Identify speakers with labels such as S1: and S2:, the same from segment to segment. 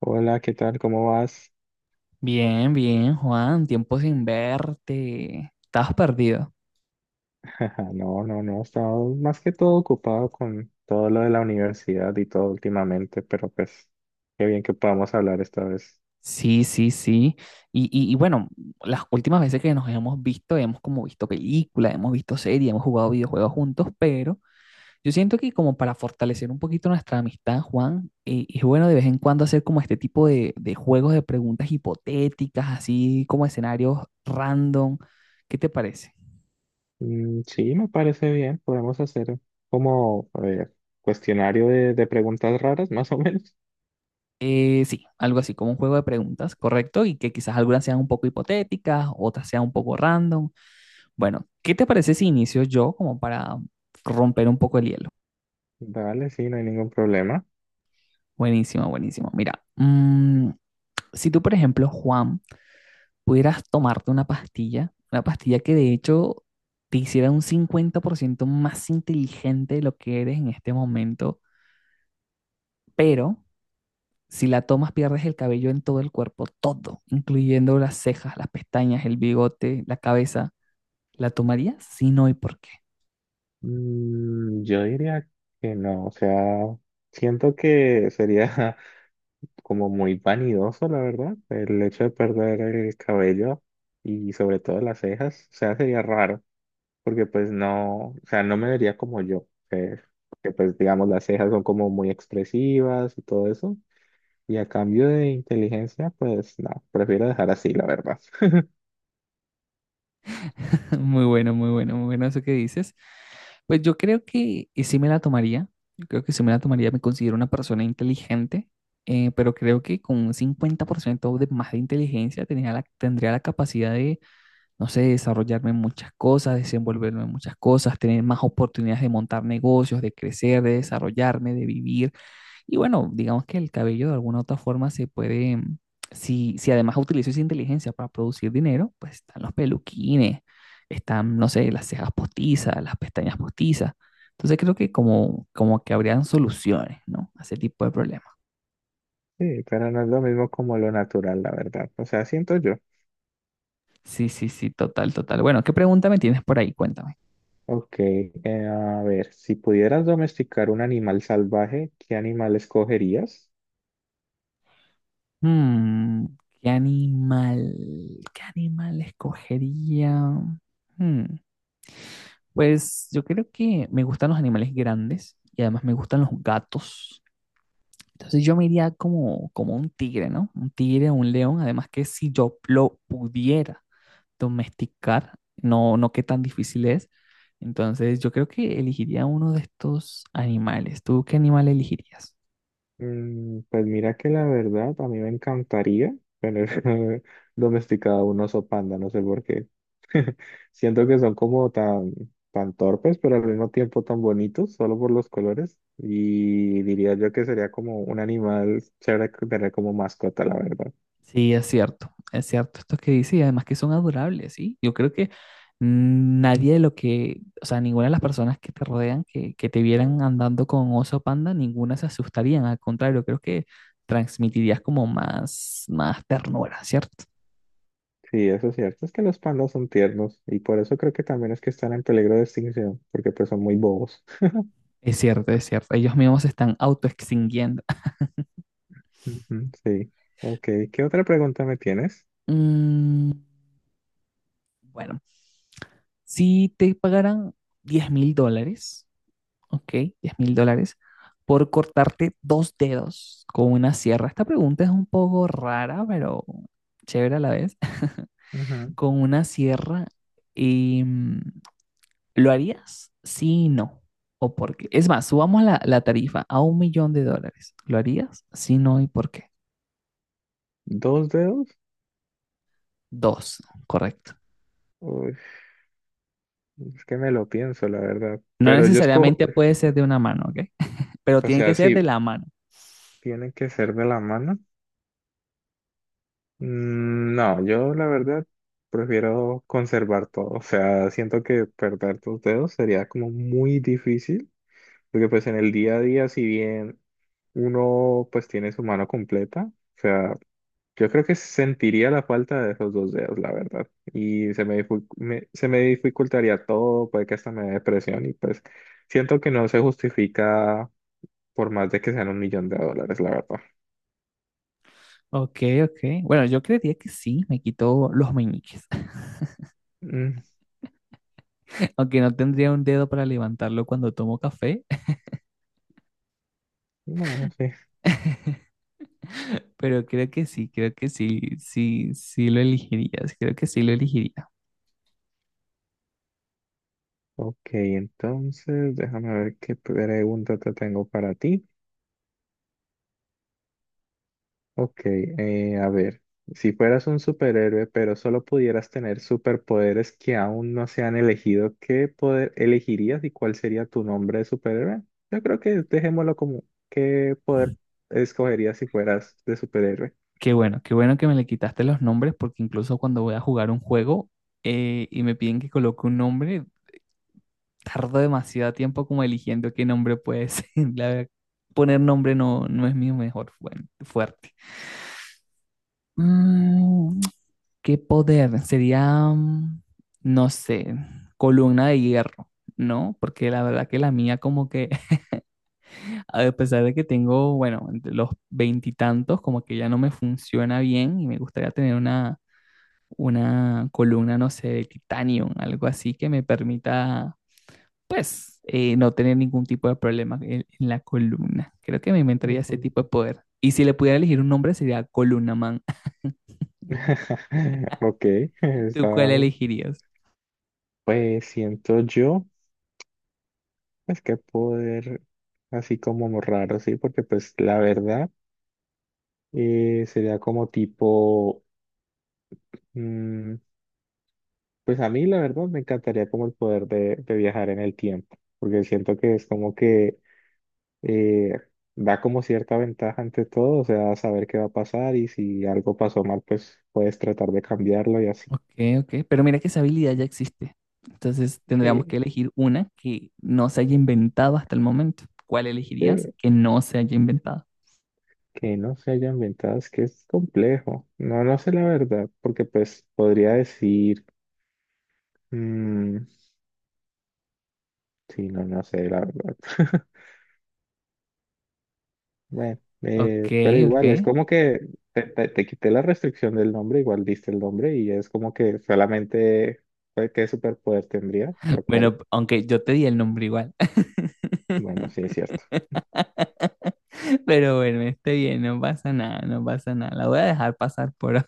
S1: Hola, ¿qué tal? ¿Cómo vas?
S2: Bien, bien, Juan, tiempo sin verte. Estabas perdido.
S1: No, no, no, he estado más que todo ocupado con todo lo de la universidad y todo últimamente, pero pues qué bien que podamos hablar esta vez.
S2: Sí, sí, sí. Y bueno, las últimas veces que nos hemos visto, hemos como visto películas, hemos visto series, hemos jugado videojuegos juntos, pero yo siento que como para fortalecer un poquito nuestra amistad, Juan, es bueno de vez en cuando hacer como este tipo de juegos de preguntas hipotéticas, así como escenarios random. ¿Qué te parece?
S1: Mm, sí, me parece bien, podemos hacer, como a ver, cuestionario de preguntas raras, más o menos.
S2: Sí, algo así como un juego de preguntas, correcto, y que quizás algunas sean un poco hipotéticas, otras sean un poco random. Bueno, ¿qué te parece si inicio yo como para romper un poco el hielo?
S1: Dale, sí, no hay ningún problema.
S2: Buenísimo, buenísimo. Mira, si tú, por ejemplo, Juan, pudieras tomarte una pastilla que de hecho te hiciera un 50% más inteligente de lo que eres en este momento, pero si la tomas pierdes el cabello en todo el cuerpo, todo, incluyendo las cejas, las pestañas, el bigote, la cabeza. ¿La tomaría? Sí, no, ¿y por qué?
S1: Yo diría que no, o sea, siento que sería como muy vanidoso, la verdad, el hecho de perder el cabello y sobre todo las cejas, o sea, sería raro, porque pues no, o sea, no me vería como yo, que pues digamos las cejas son como muy expresivas y todo eso, y a cambio de inteligencia, pues no, prefiero dejar así, la verdad.
S2: Muy bueno, muy bueno, muy bueno eso que dices. Pues yo creo que sí me la tomaría. Yo creo que sí me la tomaría. Me considero una persona inteligente, pero creo que con un 50% de más de inteligencia tendría la capacidad de, no sé, desarrollarme en muchas cosas, desenvolverme en muchas cosas, tener más oportunidades de montar negocios, de crecer, de desarrollarme, de vivir. Y bueno, digamos que el cabello de alguna u otra forma se puede, si, si además utilizo esa inteligencia para producir dinero, pues están los peluquines, están, no sé, las cejas postizas, las pestañas postizas. Entonces creo que como, como que habrían soluciones, ¿no? A ese tipo de problemas.
S1: Sí, pero no es lo mismo como lo natural, la verdad, o sea, siento yo.
S2: Sí, sí, sí, total, total. Bueno, ¿qué pregunta me tienes por ahí? Cuéntame.
S1: Ok, a ver, si pudieras domesticar un animal salvaje, ¿qué animal escogerías?
S2: Mm, ¿qué animal, qué animal escogería? Mm. Pues yo creo que me gustan los animales grandes y además me gustan los gatos. Entonces yo me iría como, como un tigre, ¿no? Un tigre o un león. Además que si yo lo pudiera domesticar, no, no qué tan difícil es. Entonces yo creo que elegiría uno de estos animales. ¿Tú qué animal elegirías?
S1: Pues mira que la verdad a mí me encantaría tener domesticado un oso panda, no sé por qué. Siento que son como tan, tan torpes, pero al mismo tiempo tan bonitos, solo por los colores. Y diría yo que sería como un animal chévere que tener como mascota, la verdad.
S2: Sí, es cierto esto que dice y además que son adorables, ¿sí? Yo creo que nadie de lo que, o sea, ninguna de las personas que te rodean, que te vieran andando con oso panda, ninguna se asustarían, al contrario, creo que transmitirías como más, más ternura, ¿cierto?
S1: Sí, eso es cierto, es que los pandas son tiernos y por eso creo que también es que están en peligro de extinción, porque pues son muy bobos.
S2: Es cierto, es cierto, ellos mismos se están autoextinguiendo.
S1: Ujú, sí, ok. ¿Qué otra pregunta me tienes?
S2: Mm, bueno, si te pagaran $10,000, ok, $10,000, por cortarte dos dedos con una sierra. Esta pregunta es un poco rara, pero chévere a la vez.
S1: Ajá.
S2: Con una sierra, y, ¿lo harías? Sí, y no. ¿O por qué? Es más, subamos la tarifa a $1,000,000. ¿Lo harías? Sí, no, ¿y por qué?
S1: ¿Dos dedos?
S2: Dos, correcto.
S1: Es que me lo pienso, la verdad.
S2: No
S1: Pero yo escojo,
S2: necesariamente puede ser de una mano, ¿ok? Pero
S1: o
S2: tiene
S1: sea,
S2: que ser de
S1: sí,
S2: la mano.
S1: tiene que ser de la mano. Mm, no, yo la verdad prefiero conservar todo. O sea, siento que perder tus dedos sería como muy difícil, porque pues en el día a día, si bien uno pues tiene su mano completa, o sea, yo creo que sentiría la falta de esos dos dedos, la verdad. Y se me dificultaría todo, puede que hasta me dé depresión y pues siento que no se justifica por más de que sean 1 millón de dólares, la verdad.
S2: Ok, ok. Bueno, yo creería que sí, me quitó los meñiques.
S1: Mm,
S2: Aunque no tendría un dedo para levantarlo cuando tomo café,
S1: bueno, sí.
S2: pero creo que sí, sí, sí lo elegirías, creo que sí lo elegiría.
S1: Ok, entonces déjame ver qué pregunta te tengo para ti. Ok, a ver, si fueras un superhéroe, pero solo pudieras tener superpoderes que aún no se han elegido, ¿qué poder elegirías y cuál sería tu nombre de superhéroe? Yo creo que dejémoslo como, ¿qué poder escogerías si fueras de superhéroe?
S2: Qué bueno que me le quitaste los nombres, porque incluso cuando voy a jugar un juego y me piden que coloque un nombre, tardo demasiado tiempo como eligiendo qué nombre puede ser. La verdad, poner nombre no, no es mi mejor fuerte. Mm, ¿Qué poder? Sería, no sé, columna de hierro. No, porque la verdad que la mía como que, a pesar de que tengo, bueno, entre los veintitantos, como que ya no me funciona bien y me gustaría tener una columna, no sé, de titanio, algo así que me permita pues, no tener ningún tipo de problema en la columna. Creo que me inventaría ese
S1: Ujú.
S2: tipo de poder. Y si le pudiera elegir un nombre sería Columna Man.
S1: Ok,
S2: ¿Tú cuál
S1: está-
S2: elegirías?
S1: pues siento yo. Es que poder así como raro, sí, porque pues la verdad sería como tipo, mm, pues a mí la verdad me encantaría como el poder de viajar en el tiempo, porque siento que es como que eh, da como cierta ventaja ante todo, o sea, saber qué va a pasar y si algo pasó mal, pues puedes tratar de cambiarlo y así.
S2: Ok, ok. Pero mira que esa habilidad ya existe. Entonces tendríamos
S1: Sí,
S2: que elegir una que no se haya inventado hasta el momento. ¿Cuál elegirías
S1: sí,
S2: que no se haya inventado?
S1: que no se hayan ventajas, que es complejo. No, no sé la verdad, porque pues podría decir. Mm, sí, no, no sé, la verdad. Bueno,
S2: Ok,
S1: pero
S2: ok.
S1: igual, es como que te quité la restricción del nombre, igual diste el nombre y es como que solamente pues, qué superpoder tendría, lo cual,
S2: Bueno, aunque yo te di el nombre igual.
S1: bueno, sí es cierto.
S2: Pero bueno, esté bien, no pasa nada, no pasa nada. La voy a dejar pasar por hoy.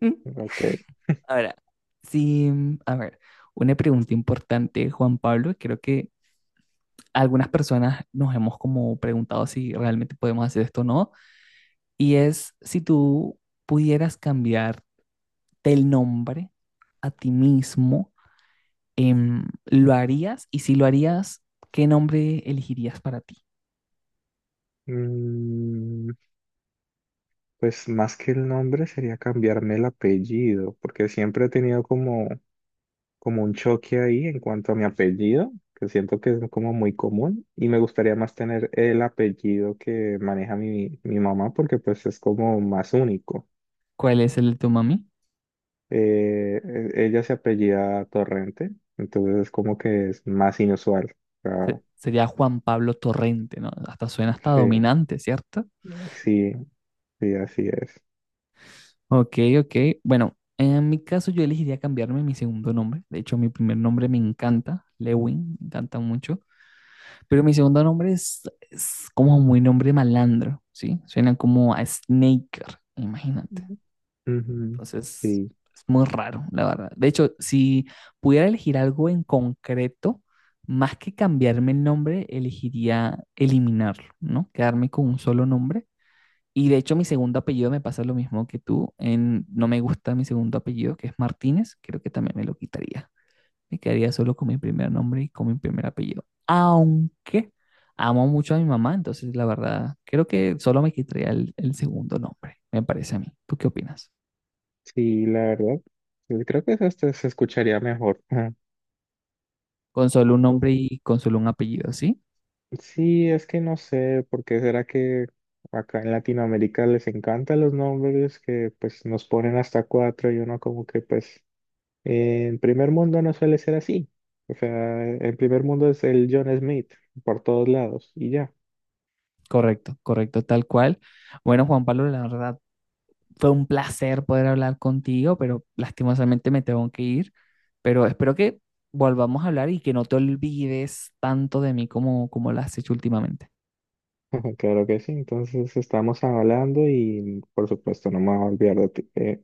S1: Ok.
S2: Ahora, sí, a ver, una pregunta importante, Juan Pablo, creo que algunas personas nos hemos como preguntado si realmente podemos hacer esto o no, y es si tú pudieras cambiarte el nombre a ti mismo, ¿lo harías? Y si lo harías, ¿qué nombre elegirías para ti?
S1: Mm, pues más que el nombre sería cambiarme el apellido, porque siempre he tenido como un choque ahí en cuanto a mi apellido, que siento que es como muy común y me gustaría más tener el apellido que maneja mi mamá porque pues es como más único.
S2: ¿Cuál es el de tu mami?
S1: Eh, Ella se apellida Torrente, entonces es como que es más inusual. O sea,
S2: Sería Juan Pablo Torrente, ¿no? Hasta suena hasta
S1: sí,
S2: dominante, ¿cierto?
S1: sí, sí, así es.
S2: Ok, ok. Bueno, en mi caso yo elegiría cambiarme mi segundo nombre. De hecho, mi primer nombre me encanta, Lewin, me encanta mucho. Pero mi segundo nombre es como muy nombre malandro, ¿sí? Suena como a Snaker, imagínate.
S1: Ujú. Ujú,
S2: Entonces,
S1: sí,
S2: es muy raro, la verdad. De hecho, si pudiera elegir algo en concreto, más que cambiarme el nombre, elegiría eliminarlo, ¿no? Quedarme con un solo nombre y de hecho mi segundo apellido me pasa lo mismo que tú. En, no me gusta mi segundo apellido, que es Martínez. Creo que también me lo quitaría. Me quedaría solo con mi primer nombre y con mi primer apellido. Aunque amo mucho a mi mamá, entonces la verdad, creo que solo me quitaría el segundo nombre, me parece a mí. ¿Tú qué opinas?
S1: sí, la verdad, yo creo que eso hasta se escucharía mejor.
S2: Con solo un nombre y con solo un apellido, ¿sí?
S1: Sí, es que no sé, porque será que acá en Latinoamérica les encantan los nombres que pues nos ponen hasta cuatro y uno como que pues en primer mundo no suele ser así. O sea, en primer mundo es el John Smith por todos lados y ya.
S2: Correcto, correcto, tal cual. Bueno, Juan Pablo, la verdad, fue un placer poder hablar contigo, pero lastimosamente me tengo que ir. Pero espero que volvamos a hablar y que no te olvides tanto de mí como, como lo has hecho últimamente.
S1: Claro que sí, entonces estamos hablando y por supuesto no me voy a olvidar de ti.